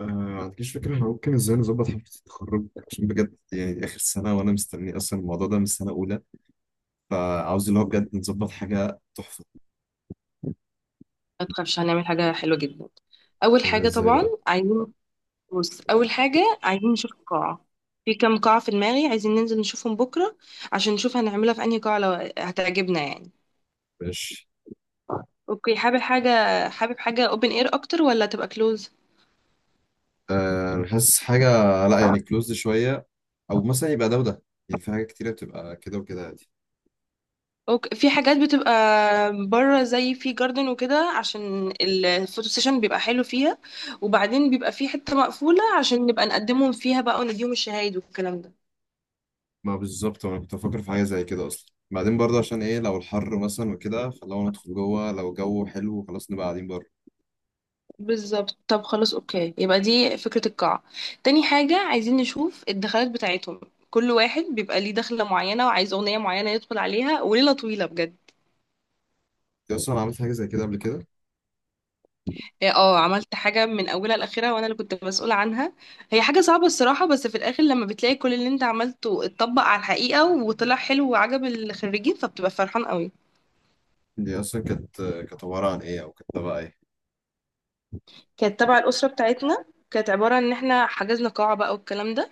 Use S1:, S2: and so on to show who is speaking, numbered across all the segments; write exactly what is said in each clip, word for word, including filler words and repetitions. S1: آه، ما عنديش فكرة احنا ممكن ازاي نظبط حفلة التخرج. عشان بجد يعني دي آخر سنة وأنا مستني أصلا الموضوع ده من سنة أولى. فعاوز اللي هو بجد نظبط حاجة تحفة.
S2: ما تخافش، هنعمل حاجة حلوة جدا. أول
S1: آه،
S2: حاجة
S1: ازاي
S2: طبعا
S1: بقى؟
S2: عايزين. بص، أول حاجة عايزين نشوف القاعة. في كام قاعة في دماغي عايزين ننزل نشوفهم بكرة عشان نشوف هنعملها في أنهي قاعة لو هتعجبنا يعني.
S1: ماشي.
S2: أوكي، حابب حاجة. حابب حاجة open air أكتر ولا تبقى close؟
S1: آه، أنا حاسس حاجة، لا يعني كلوزد شوية، أو مثلا يبقى ده وده، يعني في حاجة كتيرة بتبقى كده وكده عادي.
S2: أوكي، في حاجات بتبقى بره زي في جاردن وكده عشان الفوتو سيشن بيبقى حلو فيها. وبعدين بيبقى في حتة مقفولة عشان نبقى نقدمهم فيها بقى ونديهم الشهايد والكلام ده.
S1: ما بالظبط، وأنا كنت بفكر في حاجة زي كده أصلا، بعدين برضه عشان إيه لو الحر مثلا وكده، فلو ندخل جوه، لو الجو حلو خلاص نبقى قاعدين بره.
S2: بالظبط. طب خلاص، اوكي، يبقى دي فكرة القاعة. تاني حاجة عايزين نشوف الدخلات بتاعتهم. كل واحد بيبقى ليه دخلة معينة وعايز أغنية معينة يدخل عليها، وليلة طويلة بجد.
S1: دي أصلا عملت حاجة زي كده قبل كده؟
S2: إيه، اه، عملت حاجة من أولها لآخرها وأنا اللي كنت مسؤولة عنها. هي حاجة صعبة الصراحة، بس في الآخر لما بتلاقي كل اللي أنت عملته اتطبق على الحقيقة وطلع حلو وعجب الخريجين فبتبقى فرحان قوي.
S1: دي أصلا كانت كانت عبارة عن إيه، أو كانت تبع إيه؟
S2: كانت تبع الأسرة بتاعتنا. كانت عبارة إن احنا حجزنا قاعة بقى والكلام ده.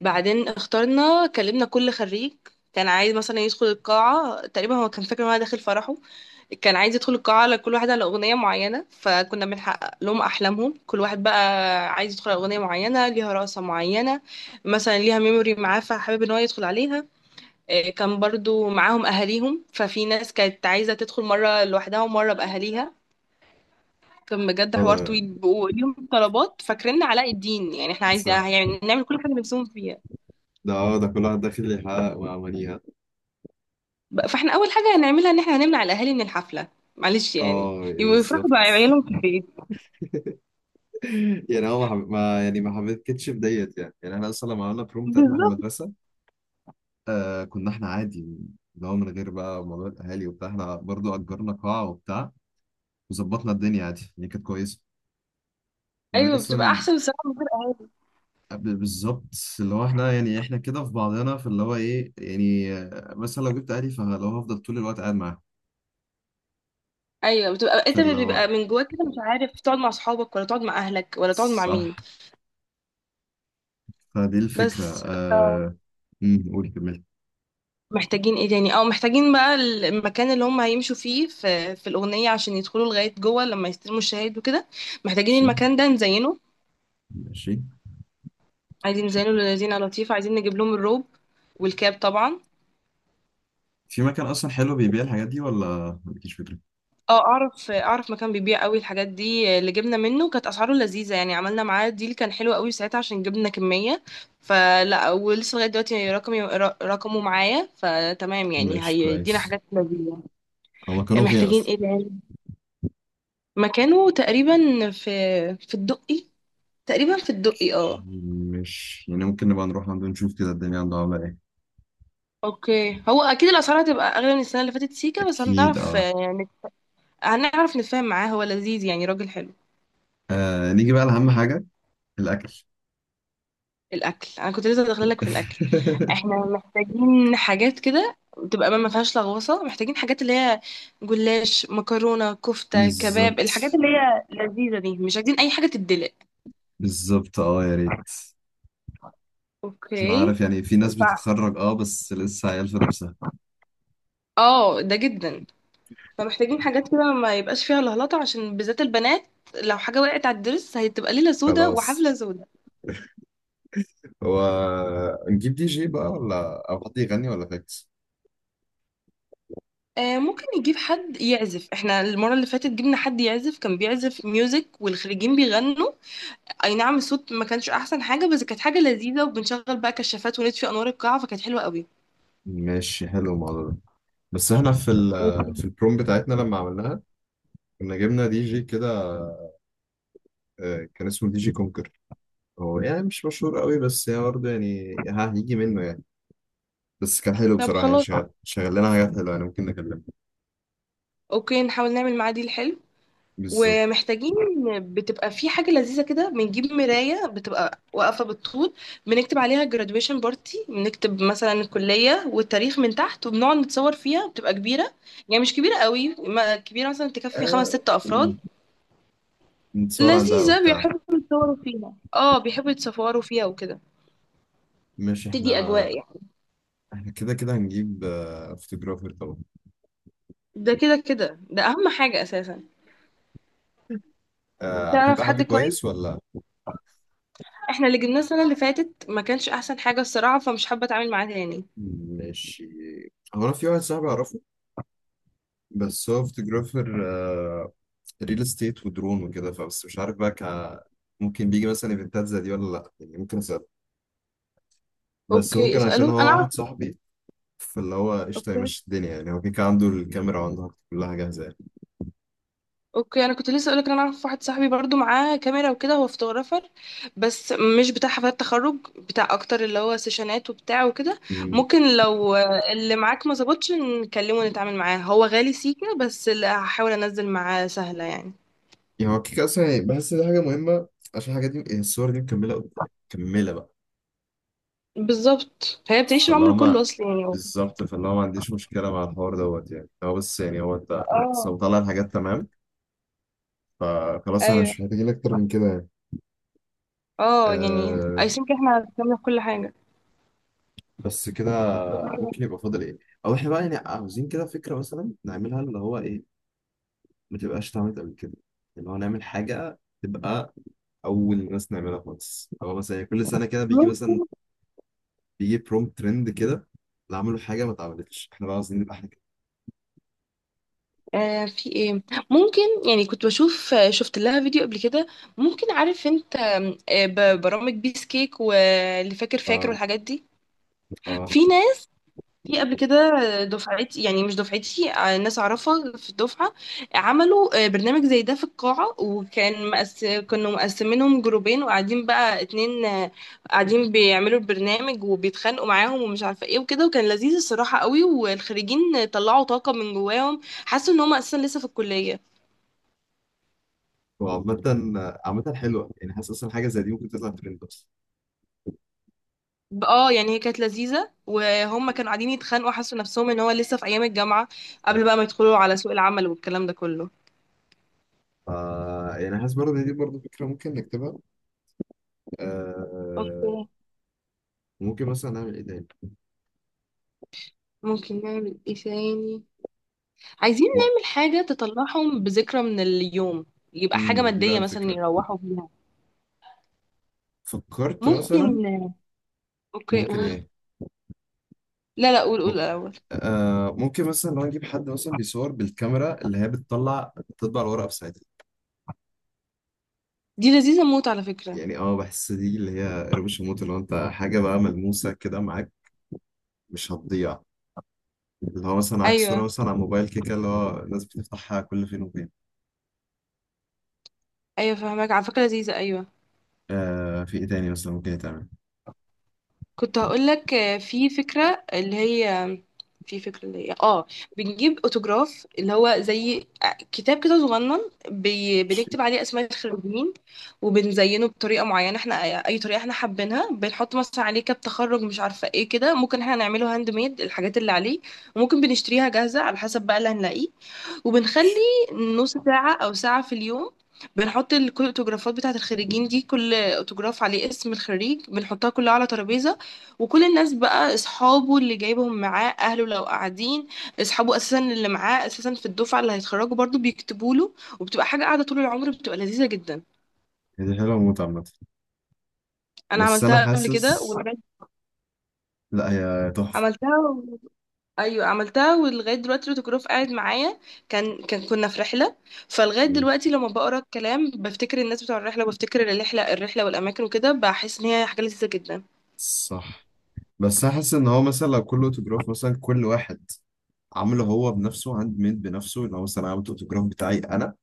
S2: بعدين اخترنا، كلمنا كل خريج كان عايز مثلا يدخل القاعة، تقريبا هو كان فاكر ان هو داخل فرحه. كان عايز يدخل القاعة على كل واحد على أغنية معينة، فكنا بنحقق لهم أحلامهم. كل واحد بقى عايز يدخل على أغنية معينة ليها رقصة معينة، مثلا ليها ميموري معاه فحابب ان هو يدخل عليها. إيه، كان برضو معاهم أهاليهم، ففي ناس كانت عايزة تدخل مرة لوحدها ومرة بأهاليها. كان بجد حوار
S1: آه،
S2: طويل وليهم طلبات، فاكرين علاء الدين، يعني احنا عايزين
S1: ده
S2: يعني نعمل كل حاجة نفسهم فيها.
S1: ده اه ده كل واحد داخل يحقق وعمليها.
S2: بقى- فاحنا اول حاجه هنعملها ان احنا هنمنع الاهالي من الحفله. معلش يعني،
S1: اه يعني
S2: يفرحوا
S1: بالظبط.
S2: بعيالهم في البيت.
S1: يعني هو ما, حب... ما يعني ما حبيتكش في ديت، يعني يعني احنا اصلا لما عملنا بروم بتاعتنا في
S2: بالظبط،
S1: المدرسه. آه، كنا احنا عادي، اللي هو من غير بقى موضوع الاهالي وبتاع، احنا برضو اجرنا قاعه وبتاع وظبطنا الدنيا عادي يعني كانت كويسه. بعدين
S2: ايوه بتبقى
S1: اصلا
S2: احسن الصراحه من غير أهل.
S1: قبل بالظبط، اللي هو احنا يعني احنا كده في بعضنا، في اللي هو ايه يعني، آه، مثلا لو جبت اهلي فلو هفضل طول الوقت قاعد معاهم.
S2: ايوه بتبقى انت
S1: فاللي هو
S2: بيبقى من جواك كده مش عارف تقعد مع اصحابك ولا تقعد مع اهلك ولا تقعد مع
S1: صح،
S2: مين.
S1: فدي الفكره
S2: بس ف
S1: آه... أمم، قول كمل.
S2: محتاجين ايه تاني؟ او محتاجين بقى المكان اللي هم هيمشوا فيه في, في الاغنيه عشان يدخلوا لغايه جوه لما يستلموا الشهايد وكده. محتاجين
S1: ماشي
S2: المكان ده نزينه.
S1: ماشي.
S2: عايزين نزينه للذين لطيف. عايزين نجيب لهم الروب والكاب طبعا.
S1: في مكان أصلا حلو بيبيع الحاجات دي، ولا مالكيش فكرة؟
S2: اه، اعرف اعرف مكان بيبيع قوي الحاجات دي، اللي جبنا منه كانت اسعاره لذيذه يعني. عملنا معاه ديل كان حلو قوي ساعتها عشان جبنا كميه. فلا ولسه لغايه دلوقتي رقمي رقمه معايا، فتمام يعني
S1: ماشي كويس.
S2: هيدينا حاجات لذيذه.
S1: هو مكانه فين
S2: محتاجين
S1: أصلا؟
S2: ايه تاني؟ مكانه تقريبا في، في الدقي. تقريبا في الدقي، اه.
S1: مش يعني ممكن نبقى نروح عنده نشوف كده الدنيا عنده عاملة إيه.
S2: اوكي، هو اكيد الاسعار هتبقى اغلى من السنه اللي فاتت سيكا، بس
S1: أكيد
S2: هنعرف،
S1: أه.
S2: آه، نت- هنعرف نتفاهم معاه. هو لذيذ يعني راجل حلو.
S1: آه، نيجي بقى لأهم حاجة، الأكل.
S2: الاكل انا كنت لسه داخله لك في الاكل. احنا محتاجين حاجات كده تبقى ما فيهاش لغوصه. محتاجين حاجات اللي هي جلاش، مكرونه، كفته، كباب،
S1: بالظبط،
S2: الحاجات اللي هي لذيذه دي. مش عايزين اي حاجه تتدلق.
S1: بالظبط أه يا ريت. عشان
S2: اوكي.
S1: عارف يعني في ناس
S2: ف
S1: بتتخرج أه بس لسه عيال في نفسها.
S2: اه، ده جدا. فمحتاجين حاجات كده ما يبقاش فيها لهلطه عشان بالذات البنات. لو حاجه وقعت على الدرس هتبقى ليله سودا
S1: خلاص،
S2: وحفله سودا.
S1: هو نجيب دي جي بقى، ولا او حد يغني، ولا فاكس؟
S2: آه، ممكن نجيب حد يعزف. احنا المره اللي فاتت جبنا حد يعزف، كان بيعزف ميوزك والخريجين بيغنوا. اي نعم الصوت ما كانش احسن حاجه، بس كانت حاجه لذيذه. وبنشغل بقى كشافات ونطفي انوار القاعه، فكانت حلوه قوي.
S1: ماشي حلو الموضوع ده. بس احنا في ال
S2: وكنا-
S1: في البروم بتاعتنا لما عملناها كنا جبنا دي جي كده. آه، كان اسمه دي جي كونكر، هو يعني مش مشهور قوي بس هي برضه يعني ها هيجي منه يعني. بس كان حلو
S2: طب
S1: بصراحة يعني
S2: خلاص،
S1: شغال شغال لنا حاجات حلوة يعني، ممكن نكلمها.
S2: اوكي نحاول نعمل معادي الحلو.
S1: بالظبط.
S2: ومحتاجين، بتبقى في حاجه لذيذه كده، بنجيب مرايه بتبقى واقفه بالطول، بنكتب عليها graduation بارتي، بنكتب مثلا الكليه والتاريخ من تحت وبنقعد نتصور فيها. بتبقى كبيره، يعني مش كبيره قوي. ما- كبيره مثلا تكفي خمس
S1: آه،
S2: ست افراد
S1: ن- نتصور عندها
S2: لذيذه
S1: وبتاع.
S2: بيحبوا يتصوروا فيها، اه بيحبوا يتصوروا فيها وكده.
S1: مش
S2: تدي اجواء
S1: احنا،
S2: يعني.
S1: احنا كده كده هنجيب فوتوجرافر طبعا.
S2: ده كده كده ده اهم حاجة اساسا.
S1: آه، عارفين
S2: تعرف
S1: بقى حد
S2: حد كويس؟
S1: كويس ولا؟
S2: احنا اللي جبناه السنة اللي فاتت ما كانش احسن حاجة الصراحة، فمش حابة اتعامل معاه تاني.
S1: ماشي. هو انا في واحد صاحبي اعرفه، بس هو فوتوجرافر ريل استيت ودرون وكده، فبس مش عارف بقى ك... ممكن بيجي مثلا ايفنتات زي دي ولا لا، يعني ممكن اسال، بس
S2: اوكي،
S1: ممكن عشان
S2: اسأله انا
S1: هو
S2: اعرف.
S1: واحد صاحبي. فاللي هو قشطه
S2: اوكي.
S1: يمشي الدنيا، يعني هو كده كده عنده الكاميرا وعنده كلها جاهزه يعني.
S2: اوكي، انا كنت لسه اقولك ان انا اعرف واحد صاحبي برضو معاه كاميرا وكده، هو فوتوغرافر بس مش بتاع حفلات تخرج، بتاع اكتر اللي هو سيشنات وبتاع وكده.
S1: أمم.
S2: ممكن لو اللي معاك ما ظبطش نكلمه ونتعامل معاه. هو غالي سيكا، بس اللي هحاول انزل معاه سهلة يعني.
S1: يعني هو كده كده اصلا يعني بحس دي حاجه مهمه، عشان الحاجات دي يعني الصور دي مكمله قدام- مكمله بقى.
S2: بالظبط، هي بتعيش
S1: فاللي
S2: العمر
S1: هو
S2: كله
S1: ما
S2: اصلا يعني.
S1: بالظبط، فاللي هو ما عنديش مشكله مع الحوار دوت يعني، هو بس يعني، هو انت بس
S2: اه،
S1: لو طلع الحاجات تمام فخلاص، انا
S2: ايوه.
S1: مش محتاجين اكتر من كده يعني.
S2: اه يعني I
S1: آه،
S2: think احنا هنعمل كل حاجة.
S1: بس كده، ممكن يبقى فاضل ايه، او احنا بقى يعني عاوزين كده فكره مثلا نعملها اللي هو ايه، ما تبقاش اتعملت قبل كده، اللي هو نعمل حاجه تبقى اول ناس نعملها خالص، اللي هو مثلا يعني كل سنه كده بيجي مثلا،
S2: ممكن.
S1: بيجي بروم ترند كده، اللي عملوا حاجه ما اتعملتش، احنا بقى عاوزين نبقى احنا كده.
S2: آه في ايه، ممكن؟ يعني كنت بشوف، آه، شفت لها فيديو قبل كده. ممكن عارف انت، آم، آه ب- برامج بيس كيك واللي فاكر فاكر
S1: اه،
S2: والحاجات دي.
S1: اه،
S2: في في قبل كده، دفعتي، يعني مش دفعتي، آه، ناس اعرفها في الدفعه عملوا، آه، برنامج زي ده في القاعه. وكان مقس... كانوا مقسمينهم جروبين، وقاعدين بقى اتنين، آه، قاعدين بيعملوا البرنامج وبيتخانقوا معاهم ومش عارفه ايه وكده، وكان لذيذ الصراحه قوي. والخريجين طلعوا طاقه من جواهم، حسوا ان هم اساسا لسه في الكليه.
S1: وعامة، عامة حلوة، يعني حاسس اصلا حاجة زي دي ممكن تطلع ترند اصلا.
S2: اه يعني هي كانت لذيذه وهم كانوا قاعدين يتخانقوا، حسوا نفسهم ان هو لسه في ايام الجامعه قبل بقى ما يدخلوا على سوق العمل والكلام ده كله.
S1: ف يعني حاسس برضه إن دي برضه فكرة ممكن نكتبها. آه،
S2: اوكي.
S1: ممكن مثلا نعمل ايه تاني؟
S2: ممكن نعمل ايه تاني؟ عايزين
S1: و-
S2: نعمل حاجة تطلعهم بذكرى من اليوم، يبقى حاجة
S1: امم، ما دي بقى
S2: مادية مثلا
S1: الفكرة،
S2: يروحوا بيها.
S1: فكرت مثلا،
S2: ممكن، اوكي
S1: ممكن
S2: قول.
S1: ايه،
S2: لا لا، قول قول
S1: م-
S2: الأول.
S1: آه ممكن مثلا لو نجيب حد مثلا بيصور بالكاميرا اللي هي بتطلع بتطبع الورقه بساعتها.
S2: دي لذيذة موت على فكرة.
S1: يعني اه بحس دي اللي هي قربوش الموت، اللي هو انت حاجه بقى ملموسه كده معاك مش هتضيع، اللي هو مثلا معاك صوره
S2: ايوه
S1: مثلا على موبايل كده اللي هو الناس بتفتحها كل فين وفين.
S2: ايوه فهمك، على فكرة لذيذة، ايوه.
S1: آه في ايه تاني مثلا ممكن يتعمل؟
S2: كنت هقولك، آه، في فكرة اللي هي، في فكرة اللي هي اه، بنجيب اوتوجراف اللي هو زي، آه، كتاب كده صغنن. بي...
S1: مش-
S2: بنكتب عليه اسماء الخريجين، وبنزينه بطريقة معينة احنا، اي طريقة احنا حابينها. بنحط مثلا عليه كاب تخرج، مش عارفة ايه كده، ممكن احنا نعمله هاند ميد الحاجات اللي عليه، وممكن بنشتريها جاهزة على حسب بقى اللي هنلاقيه. وبنخلي نص ساعة أو ساعة في اليوم، بنحط ال- كل الأوتوجرافات بتاعة الخريجين دي، كل أوتوجراف عليه اسم الخريج، بنحطها كلها على ترابيزة. وكل الناس بقى، أصحابه اللي جايبهم معاه، أهله لو قاعدين، أصحابه أساسا اللي معاه أساسا في الدفعة اللي هيتخرجوا برضو، بيكتبوا له. وبتبقى حاجة قاعدة طول العمر، بتبقى لذيذة جدا.
S1: هي دي حلوه موت عامه،
S2: أنا
S1: بس انا
S2: عملتها قبل كده،
S1: حاسس، لا هي تحفه.
S2: وعملتها، ايوه عملتها، ولغايه دلوقتي الاوتوجراف قاعد معايا. كان كان كنا في رحله، فلغايه
S1: مم.
S2: دلوقتي لما بقرا الكلام بفتكر الناس بتوع الرحله، وبفتكر الرحله الرحله والاماكن وكده، بحس ان هي حاجه لذيذه جدا.
S1: صح. بس انا حاسس ان هو مثلا لو كله اوتوجراف مثلا كل واحد عامله هو بنفسه هاند ميد بنفسه، اللي هو مثلا عملت الاوتوجراف بتاعي انا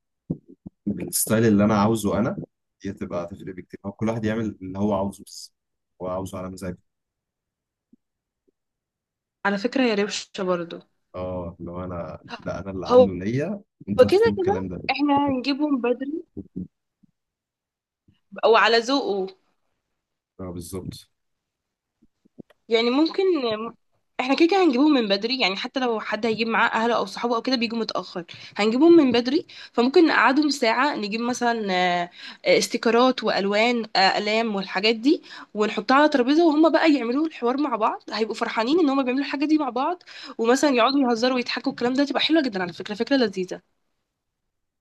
S1: بالستايل اللي انا عاوزه انا، دي هتبقى تفرق بكتير، هو كل واحد يعمل اللي هو عاوزه، بس هو عاوزه على مزاجه.
S2: على فكره هي روشه برضه.
S1: اه، لو انا، لا انا اللي
S2: هو
S1: عامله ليا، انتوا
S2: كده
S1: هتكتبوا الكلام
S2: كده
S1: ده.
S2: احنا هنجيبهم بدري وعلى ذوقه.
S1: اه بالظبط.
S2: يعني ممكن، احنا كده كده هنجيبهم من بدري، يعني حتى لو حد هيجيب معاه اهله او صحابه او كده بيجوا متاخر، هنجيبهم من بدري. فممكن نقعدهم ساعه، نجيب مثلا، آه، آه، استيكرات والوان، آه، اقلام والحاجات دي، ونحطها على ترابيزه، وهم بقى يعملوا الحوار مع بعض، هيبقوا فرحانين ان هم بيعملوا الحاجه دي مع بعض، ومثلا يقعدوا يهزروا ويضحكوا الكلام ده، تبقى حلوه جدا على فكره، فكره لذيذه.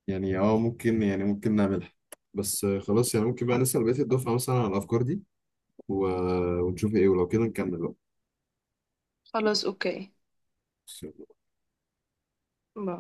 S1: يعني اه ممكن، يعني ممكن نعملها، بس آه، خلاص يعني ممكن بقى نسأل بقية الدفعة مثلا على الأفكار دي و... ونشوف إيه، ولو كده نكمل
S2: خلاص اوكي
S1: بقى.
S2: باي.